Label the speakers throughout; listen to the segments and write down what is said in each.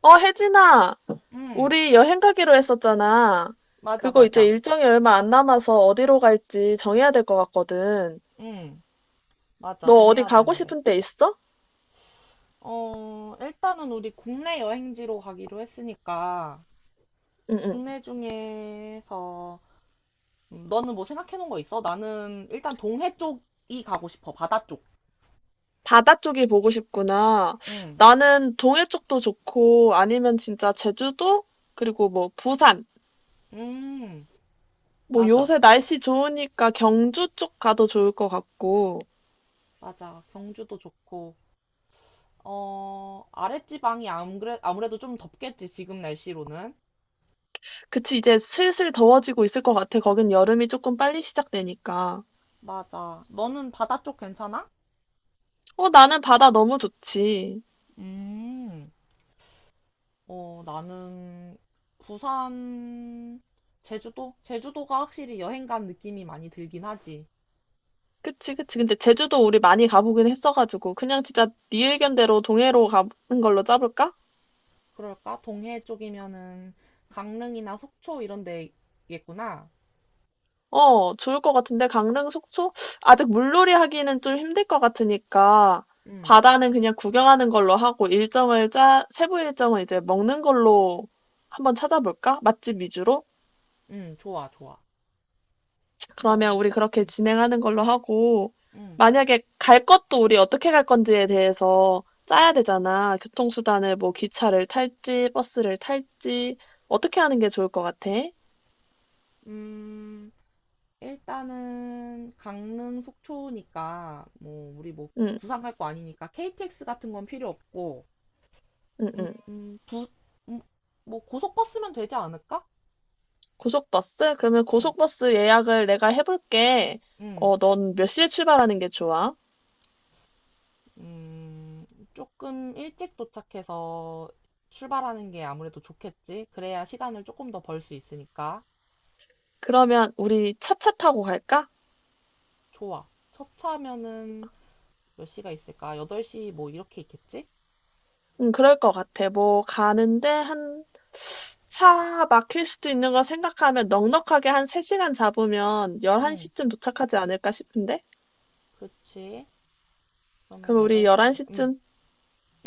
Speaker 1: 어, 혜진아,
Speaker 2: 응,
Speaker 1: 우리 여행 가기로 했었잖아.
Speaker 2: 맞아,
Speaker 1: 그거 이제
Speaker 2: 맞아.
Speaker 1: 일정이 얼마 안 남아서 어디로 갈지 정해야 될 것 같거든.
Speaker 2: 응, 맞아.
Speaker 1: 너 어디
Speaker 2: 정해야
Speaker 1: 가고
Speaker 2: 되는데.
Speaker 1: 싶은 데 있어?
Speaker 2: 일단은 우리 국내 여행지로 가기로 했으니까,
Speaker 1: 응응.
Speaker 2: 국내 중에서, 너는 뭐 생각해 놓은 거 있어? 나는 일단 동해 쪽이 가고 싶어. 바다 쪽.
Speaker 1: 바다 쪽이 보고 싶구나.
Speaker 2: 응,
Speaker 1: 나는 동해 쪽도 좋고, 아니면 진짜 제주도? 그리고 뭐 부산.
Speaker 2: 음,
Speaker 1: 뭐
Speaker 2: 맞아.
Speaker 1: 요새 날씨 좋으니까 경주 쪽 가도 좋을 것 같고.
Speaker 2: 맞아. 경주도 좋고, 아랫지방이 안 그래, 아무래도 좀 덥겠지, 지금 날씨로는.
Speaker 1: 그치, 이제 슬슬 더워지고 있을 것 같아. 거긴 여름이 조금 빨리 시작되니까.
Speaker 2: 맞아. 너는 바다 쪽 괜찮아?
Speaker 1: 어, 나는 바다 너무 좋지.
Speaker 2: 음. 나는 부산, 제주도? 제주도가 확실히 여행 간 느낌이 많이 들긴 하지.
Speaker 1: 그치, 그치. 근데 제주도 우리 많이 가보긴 했어가지고, 그냥 진짜 네 의견대로 동해로 가는 걸로 짜볼까?
Speaker 2: 그럴까? 동해 쪽이면은 강릉이나 속초 이런 데겠구나.
Speaker 1: 어, 좋을 것 같은데, 강릉, 속초? 아직 물놀이 하기는 좀 힘들 것 같으니까,
Speaker 2: 응,
Speaker 1: 바다는 그냥 구경하는 걸로 하고, 일정을 짜, 세부 일정은 이제 먹는 걸로 한번 찾아볼까? 맛집 위주로?
Speaker 2: 응, 좋아, 좋아.
Speaker 1: 그러면
Speaker 2: 그럼,
Speaker 1: 우리 그렇게
Speaker 2: 응,
Speaker 1: 진행하는 걸로 하고,
Speaker 2: 응.
Speaker 1: 만약에 갈 것도 우리 어떻게 갈 건지에 대해서 짜야 되잖아. 교통수단을 뭐 기차를 탈지, 버스를 탈지, 어떻게 하는 게 좋을 것 같아?
Speaker 2: 음, 일단은 강릉, 속초니까 뭐 우리 뭐
Speaker 1: 응,
Speaker 2: 부산 갈 거 아니니까 KTX 같은 건 필요 없고,
Speaker 1: 응, 응.
Speaker 2: 음, 부, 음, 뭐 고속버스면 되지 않을까?
Speaker 1: 고속버스? 그러면
Speaker 2: 응,
Speaker 1: 고속버스 예약을 내가 해볼게.
Speaker 2: 응.
Speaker 1: 어, 넌 몇 시에 출발하는 게 좋아?
Speaker 2: 음, 조금 일찍 도착해서 출발하는 게 아무래도 좋겠지? 그래야 시간을 조금 더 벌 수 있으니까.
Speaker 1: 그러면 우리 차차 타고 갈까?
Speaker 2: 좋아. 첫 차면은 몇 시가 있을까? 8시 뭐 이렇게 있겠지?
Speaker 1: 응, 그럴 것 같아. 뭐 가는데 한 차 막힐 수도 있는 걸 생각하면 넉넉하게 한 3시간 잡으면
Speaker 2: 응,
Speaker 1: 11시쯤 도착하지 않을까 싶은데?
Speaker 2: 그치. 그러면
Speaker 1: 그럼 우리
Speaker 2: 8시. 응,
Speaker 1: 11시쯤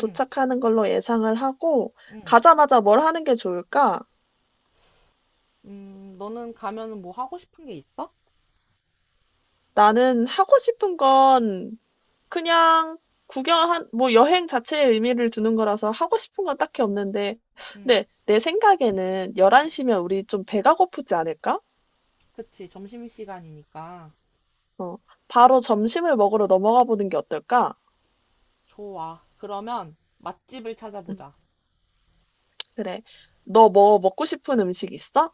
Speaker 2: 응,
Speaker 1: 걸로 예상을 하고,
Speaker 2: 응.
Speaker 1: 가자마자 뭘 하는 게 좋을까?
Speaker 2: 너는 가면은 뭐 하고 싶은 게 있어?
Speaker 1: 나는 하고 싶은 건 그냥 뭐 여행 자체에 의미를 두는 거라서 하고 싶은 건 딱히 없는데,
Speaker 2: 응,
Speaker 1: 근데 내 생각에는
Speaker 2: 응.
Speaker 1: 11시면 우리 좀 배가 고프지 않을까?
Speaker 2: 그치. 점심시간이니까.
Speaker 1: 어, 바로 점심을 먹으러 넘어가 보는 게 어떨까?
Speaker 2: 좋아. 그러면 맛집을
Speaker 1: 음.
Speaker 2: 찾아보자.
Speaker 1: 그래. 너 뭐 먹고 싶은 음식 있어?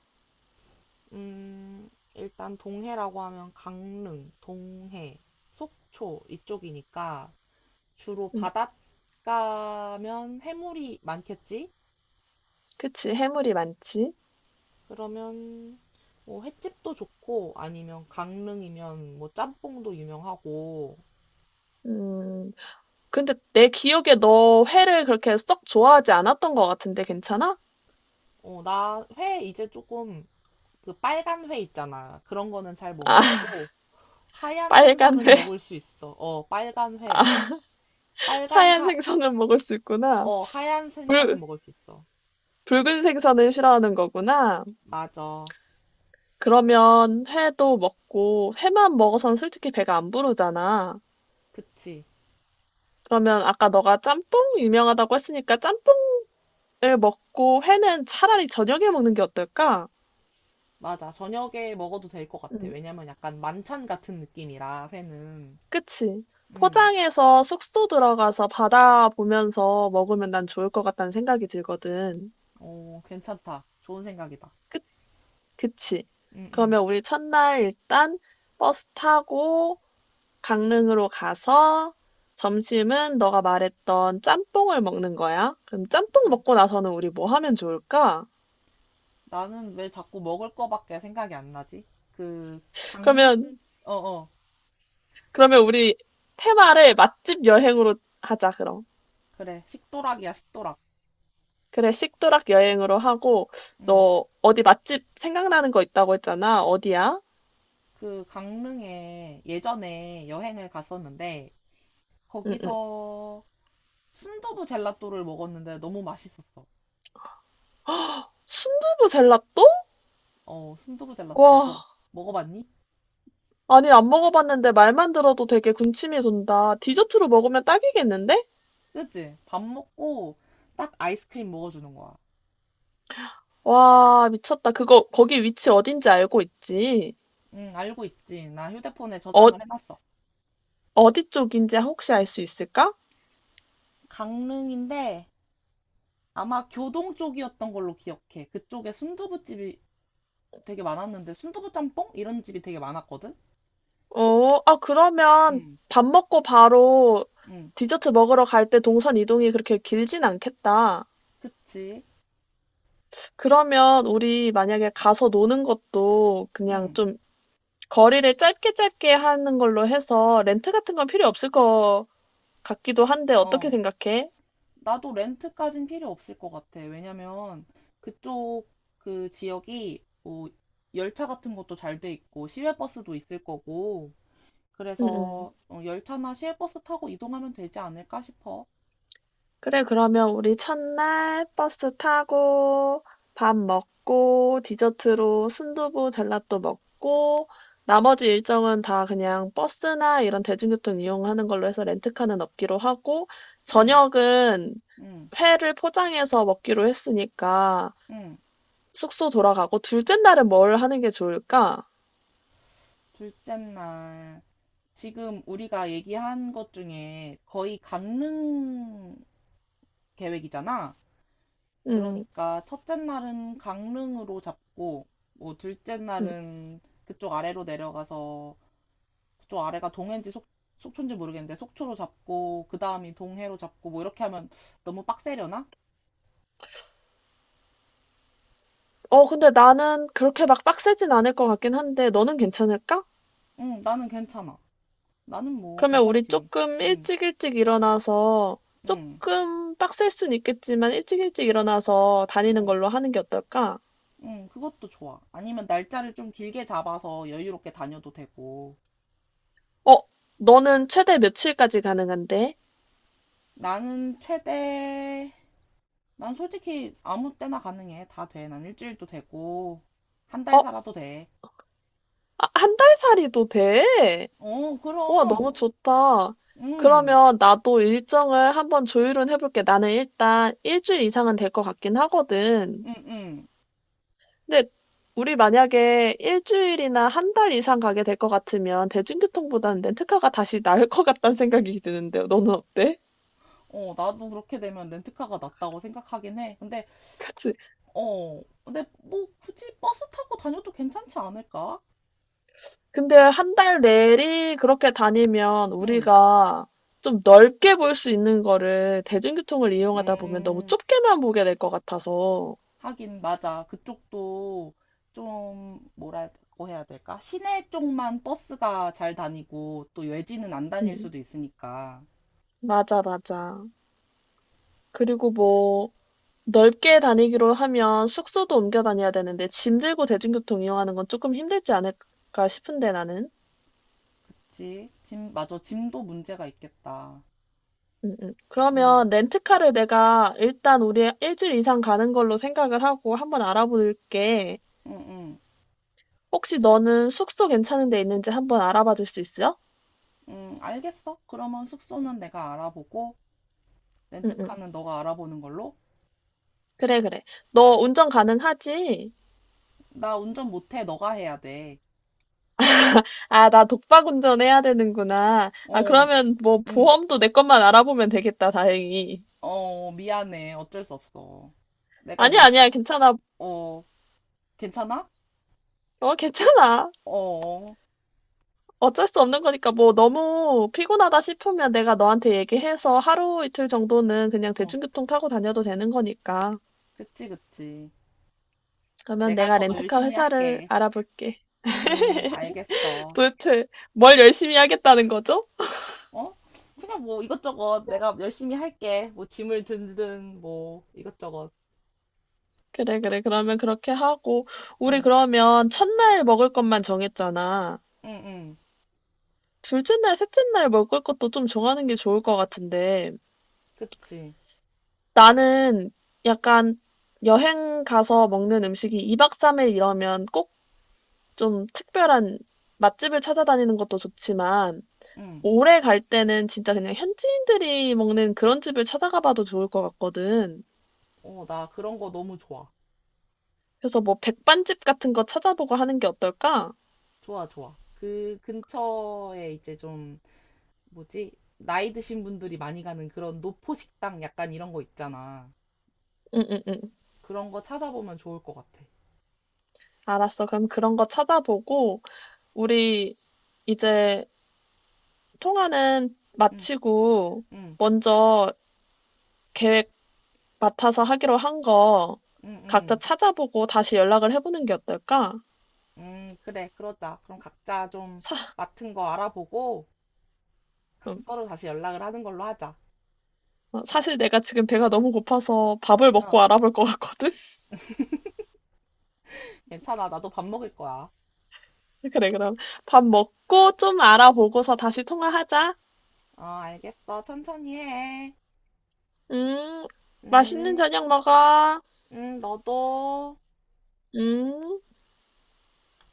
Speaker 2: 음, 일단 동해라고 하면 강릉, 동해, 속초 이쪽이니까 주로
Speaker 1: 음,
Speaker 2: 바닷가면 해물이 많겠지?
Speaker 1: 그치. 해물이 많지.
Speaker 2: 그러면 뭐 횟집도 좋고 아니면 강릉이면 뭐 짬뽕도 유명하고
Speaker 1: 음, 근데 내 기억에 너 회를 그렇게 썩 좋아하지 않았던 것 같은데 괜찮아?
Speaker 2: 나 회 이제 조금 그 빨간 회 있잖아. 그런 거는 잘 못
Speaker 1: 아,
Speaker 2: 먹고 하얀
Speaker 1: 빨간
Speaker 2: 생선은
Speaker 1: 회,
Speaker 2: 먹을 수 있어. 어, 빨간 회. 빨간
Speaker 1: 하얀
Speaker 2: 사,
Speaker 1: 생선은 먹을 수 있구나.
Speaker 2: 어, 하얀
Speaker 1: 붉,
Speaker 2: 생선은 먹을 수 있어.
Speaker 1: 붉은 생선을 싫어하는 거구나.
Speaker 2: 맞아.
Speaker 1: 그러면 회도 먹고, 회만 먹어서는 솔직히 배가 안 부르잖아.
Speaker 2: 그치.
Speaker 1: 그러면 아까 너가 짬뽕 유명하다고 했으니까 짬뽕을 먹고 회는 차라리 저녁에 먹는 게 어떨까?
Speaker 2: 맞아. 저녁에 먹어도 될 것 같아.
Speaker 1: 응.
Speaker 2: 왜냐면 약간 만찬 같은 느낌이라, 회는.
Speaker 1: 그치?
Speaker 2: 음,
Speaker 1: 포장해서 숙소 들어가서 바다 보면서 먹으면 난 좋을 것 같다는 생각이 들거든.
Speaker 2: 어, 괜찮다. 좋은 생각이다.
Speaker 1: 그, 그치?
Speaker 2: 응, 응.
Speaker 1: 그러면 우리 첫날 일단 버스 타고 강릉으로 가서 점심은 너가 말했던 짬뽕을 먹는 거야. 그럼 짬뽕
Speaker 2: 음.
Speaker 1: 먹고 나서는 우리 뭐 하면 좋을까?
Speaker 2: 나는 왜 자꾸 먹을 거밖에 생각이 안 나지? 그, 강릉,
Speaker 1: 그러면,
Speaker 2: 어, 어.
Speaker 1: 그러면 우리 테마를 맛집 여행으로 하자, 그럼.
Speaker 2: 그래. 식도락이야, 식도락.
Speaker 1: 그래, 식도락 여행으로 하고,
Speaker 2: 음,
Speaker 1: 너 어디 맛집 생각나는 거 있다고 했잖아. 어디야?
Speaker 2: 그 강릉에 예전에 여행을 갔었는데
Speaker 1: 응응.
Speaker 2: 거기서 순두부 젤라또를 먹었는데 너무 맛있었어.
Speaker 1: 순두부 젤라또?
Speaker 2: 어, 순두부 젤라또 너
Speaker 1: 와,
Speaker 2: 먹어봤니?
Speaker 1: 아니 안 먹어봤는데 말만 들어도 되게 군침이 돈다. 디저트로 먹으면 딱이겠는데?
Speaker 2: 그치? 밥 먹고 딱 아이스크림 먹어주는 거야.
Speaker 1: 와, 미쳤다. 그거 거기 위치 어딘지 알고 있지?
Speaker 2: 응, 알고 있지. 나 휴대폰에
Speaker 1: 어,
Speaker 2: 저장을 해놨어.
Speaker 1: 어디 쪽인지 혹시 알 수 있을까?
Speaker 2: 강릉인데 아마 교동 쪽이었던 걸로 기억해. 그쪽에 순두부집이 되게 많았는데 순두부 짬뽕? 이런 집이 되게 많았거든?
Speaker 1: 어, 아 그러면
Speaker 2: 응,
Speaker 1: 밥 먹고 바로
Speaker 2: 응,
Speaker 1: 디저트 먹으러 갈 때 동선 이동이 그렇게 길진 않겠다.
Speaker 2: 그치.
Speaker 1: 그러면 우리 만약에 가서 노는 것도 그냥
Speaker 2: 응,
Speaker 1: 좀 거리를 짧게 짧게 하는 걸로 해서 렌트 같은 건 필요 없을 것 같기도 한데 어떻게
Speaker 2: 어.
Speaker 1: 생각해?
Speaker 2: 나도 렌트까진 필요 없을 것 같아. 왜냐면 그쪽 그 지역이 뭐 열차 같은 것도 잘 돼 있고 시외버스도 있을 거고
Speaker 1: 응, 응.
Speaker 2: 그래서 어, 열차나 시외버스 타고 이동하면 되지 않을까 싶어.
Speaker 1: 그래, 그러면 우리 첫날 버스 타고 밥 먹고 디저트로 순두부 젤라또 먹고 나머지 일정은 다 그냥 버스나 이런 대중교통 이용하는 걸로 해서 렌트카는 없기로 하고
Speaker 2: 응,
Speaker 1: 저녁은
Speaker 2: 응,
Speaker 1: 회를 포장해서 먹기로 했으니까
Speaker 2: 응.
Speaker 1: 숙소 돌아가고 둘째 날은 뭘 하는 게 좋을까?
Speaker 2: 둘째 날. 지금 우리가 얘기한 것 중에 거의 강릉 계획이잖아.
Speaker 1: 음,
Speaker 2: 그러니까 첫째 날은 강릉으로 잡고, 뭐 둘째
Speaker 1: 음.
Speaker 2: 날은 그쪽 아래로 내려가서 그쪽 아래가 동해인지 속, 속초인지 모르겠는데 속초로 잡고 그 다음이 동해로 잡고 뭐 이렇게 하면 너무 빡세려나?
Speaker 1: 어, 근데 나는 그렇게 막 빡세진 않을 것 같긴 한데 너는 괜찮을까?
Speaker 2: 응, 나는 괜찮아. 나는 뭐
Speaker 1: 그러면 우리
Speaker 2: 괜찮지.
Speaker 1: 조금
Speaker 2: 응.
Speaker 1: 일찍 일찍 일어나서
Speaker 2: 응,
Speaker 1: 조금 빡셀 순 있겠지만 일찍 일찍 일어나서 다니는
Speaker 2: 응,
Speaker 1: 걸로 하는 게 어떨까?
Speaker 2: 응, 그것도 좋아. 아니면 날짜를 좀 길게 잡아서 여유롭게 다녀도 되고.
Speaker 1: 어, 너는 최대 며칠까지 가능한데?
Speaker 2: 나는 최대, 난 솔직히 아무 때나 가능해. 다 돼. 난 일주일도 되고, 한 달
Speaker 1: 어,
Speaker 2: 살아도 돼.
Speaker 1: 아, 한 달 살이도 돼?
Speaker 2: 어,
Speaker 1: 와
Speaker 2: 그럼,
Speaker 1: 너무 좋다.
Speaker 2: 응,
Speaker 1: 그러면 나도 일정을 한번 조율은 해볼게. 나는 일단 일주일 이상은 될 것 같긴 하거든.
Speaker 2: 응, 응.
Speaker 1: 근데 우리 만약에 일주일이나 한 달 이상 가게 될 것 같으면 대중교통보다는 렌트카가 다시 나을 것 같다는 생각이 드는데요. 너는 어때?
Speaker 2: 어, 나도 그렇게 되면 렌트카가 낫다고 생각하긴 해. 근데,
Speaker 1: 그치?
Speaker 2: 어, 근데 뭐 굳이 버스 타고 다녀도 괜찮지 않을까?
Speaker 1: 근데 한 달 내리 그렇게 다니면
Speaker 2: 응,
Speaker 1: 우리가 좀 넓게 볼 수 있는 거를 대중교통을 이용하다 보면 너무
Speaker 2: 음.
Speaker 1: 좁게만 보게 될 것 같아서.
Speaker 2: 하긴 맞아. 그쪽도 좀 뭐라고 해야 될까? 시내 쪽만 버스가 잘 다니고 또 외지는 안 다닐
Speaker 1: 음,
Speaker 2: 수도 있으니까.
Speaker 1: 맞아, 맞아. 그리고 뭐, 넓게 다니기로 하면 숙소도 옮겨 다녀야 되는데 짐 들고 대중교통 이용하는 건 조금 힘들지 않을까 싶은데 나는.
Speaker 2: 그치? 짐, 맞아. 짐도 문제가 있겠다. 응,
Speaker 1: 그러면 렌트카를 내가 일단 우리 일주일 이상 가는 걸로 생각을 하고 한번 알아볼게.
Speaker 2: 응, 응,
Speaker 1: 혹시 너는 숙소 괜찮은 데 있는지 한번 알아봐 줄 수 있어?
Speaker 2: 응. 알겠어. 그러면 숙소는 내가 알아보고
Speaker 1: 응, 응.
Speaker 2: 렌트카는 너가 알아보는 걸로.
Speaker 1: 그래, 그래. 너 운전 가능하지?
Speaker 2: 나 운전 못해. 너가 해야 돼.
Speaker 1: 아, 나 독박 운전해야 되는구나. 아,
Speaker 2: 어,
Speaker 1: 그러면 뭐
Speaker 2: 응,
Speaker 1: 보험도 내 것만 알아보면 되겠다, 다행히.
Speaker 2: 어, 미안해. 어쩔 수 없어. 내가
Speaker 1: 아니야,
Speaker 2: 뭐,
Speaker 1: 아니야, 괜찮아.
Speaker 2: 어, 괜찮아?
Speaker 1: 어, 괜찮아.
Speaker 2: 어, 어,
Speaker 1: 어쩔 수 없는 거니까 뭐 너무 피곤하다 싶으면 내가 너한테 얘기해서 하루 이틀 정도는 그냥
Speaker 2: 어,
Speaker 1: 대중교통 타고 다녀도 되는 거니까.
Speaker 2: 그치, 그치.
Speaker 1: 그러면
Speaker 2: 내가
Speaker 1: 내가
Speaker 2: 더
Speaker 1: 렌트카
Speaker 2: 열심히
Speaker 1: 회사를
Speaker 2: 할게.
Speaker 1: 알아볼게.
Speaker 2: 알겠어.
Speaker 1: 도대체 뭘 열심히 하겠다는 거죠?
Speaker 2: 어? 그냥 뭐 이것저것 내가 열심히 할게. 뭐 짐을 들든 뭐 이것저것.
Speaker 1: 그래, 그래. 그러면 그렇게 하고, 우리
Speaker 2: 응,
Speaker 1: 그러면 첫날 먹을 것만 정했잖아.
Speaker 2: 응, 응.
Speaker 1: 둘째 날, 셋째 날 먹을 것도 좀 정하는 게 좋을 것 같은데,
Speaker 2: 그치.
Speaker 1: 나는 약간 여행 가서 먹는 음식이 2박 3일 이러면 꼭 좀 특별한 맛집을 찾아다니는 것도 좋지만,
Speaker 2: 응.
Speaker 1: 오래 갈 때는 진짜 그냥 현지인들이 먹는 그런 집을 찾아가 봐도 좋을 것 같거든.
Speaker 2: 어, 나 그런 거 너무 좋아.
Speaker 1: 그래서 뭐 백반집 같은 거 찾아보고 하는 게 어떨까?
Speaker 2: 좋아, 좋아. 그 근처에 이제 좀 뭐지? 나이 드신 분들이 많이 가는 그런 노포 식당 약간 이런 거 있잖아.
Speaker 1: 응, 응, 응.
Speaker 2: 그런 거 찾아보면 좋을 것 같아.
Speaker 1: 알았어. 그럼 그런 거 찾아보고 우리 이제 통화는
Speaker 2: 응,
Speaker 1: 마치고
Speaker 2: 응,
Speaker 1: 먼저 계획 맡아서 하기로 한 거
Speaker 2: 응,
Speaker 1: 각자
Speaker 2: 응.
Speaker 1: 찾아보고 다시 연락을 해보는 게 어떨까?
Speaker 2: 응, 그래, 그러자. 그럼 각자 좀
Speaker 1: 사,
Speaker 2: 맡은 거 알아보고
Speaker 1: 음,
Speaker 2: 서로 다시 연락을 하는 걸로 하자.
Speaker 1: 어, 사실 내가 지금 배가 너무 고파서 밥을
Speaker 2: 어,
Speaker 1: 먹고 알아볼 것 같거든?
Speaker 2: 괜찮아. 나도 밥 먹을 거야.
Speaker 1: 그래, 그럼 밥 먹고 좀 알아보고서 다시 통화하자.
Speaker 2: 어, 알겠어. 천천히 해.
Speaker 1: 음, 맛있는
Speaker 2: 음,
Speaker 1: 저녁 먹어.
Speaker 2: 너도.
Speaker 1: 음.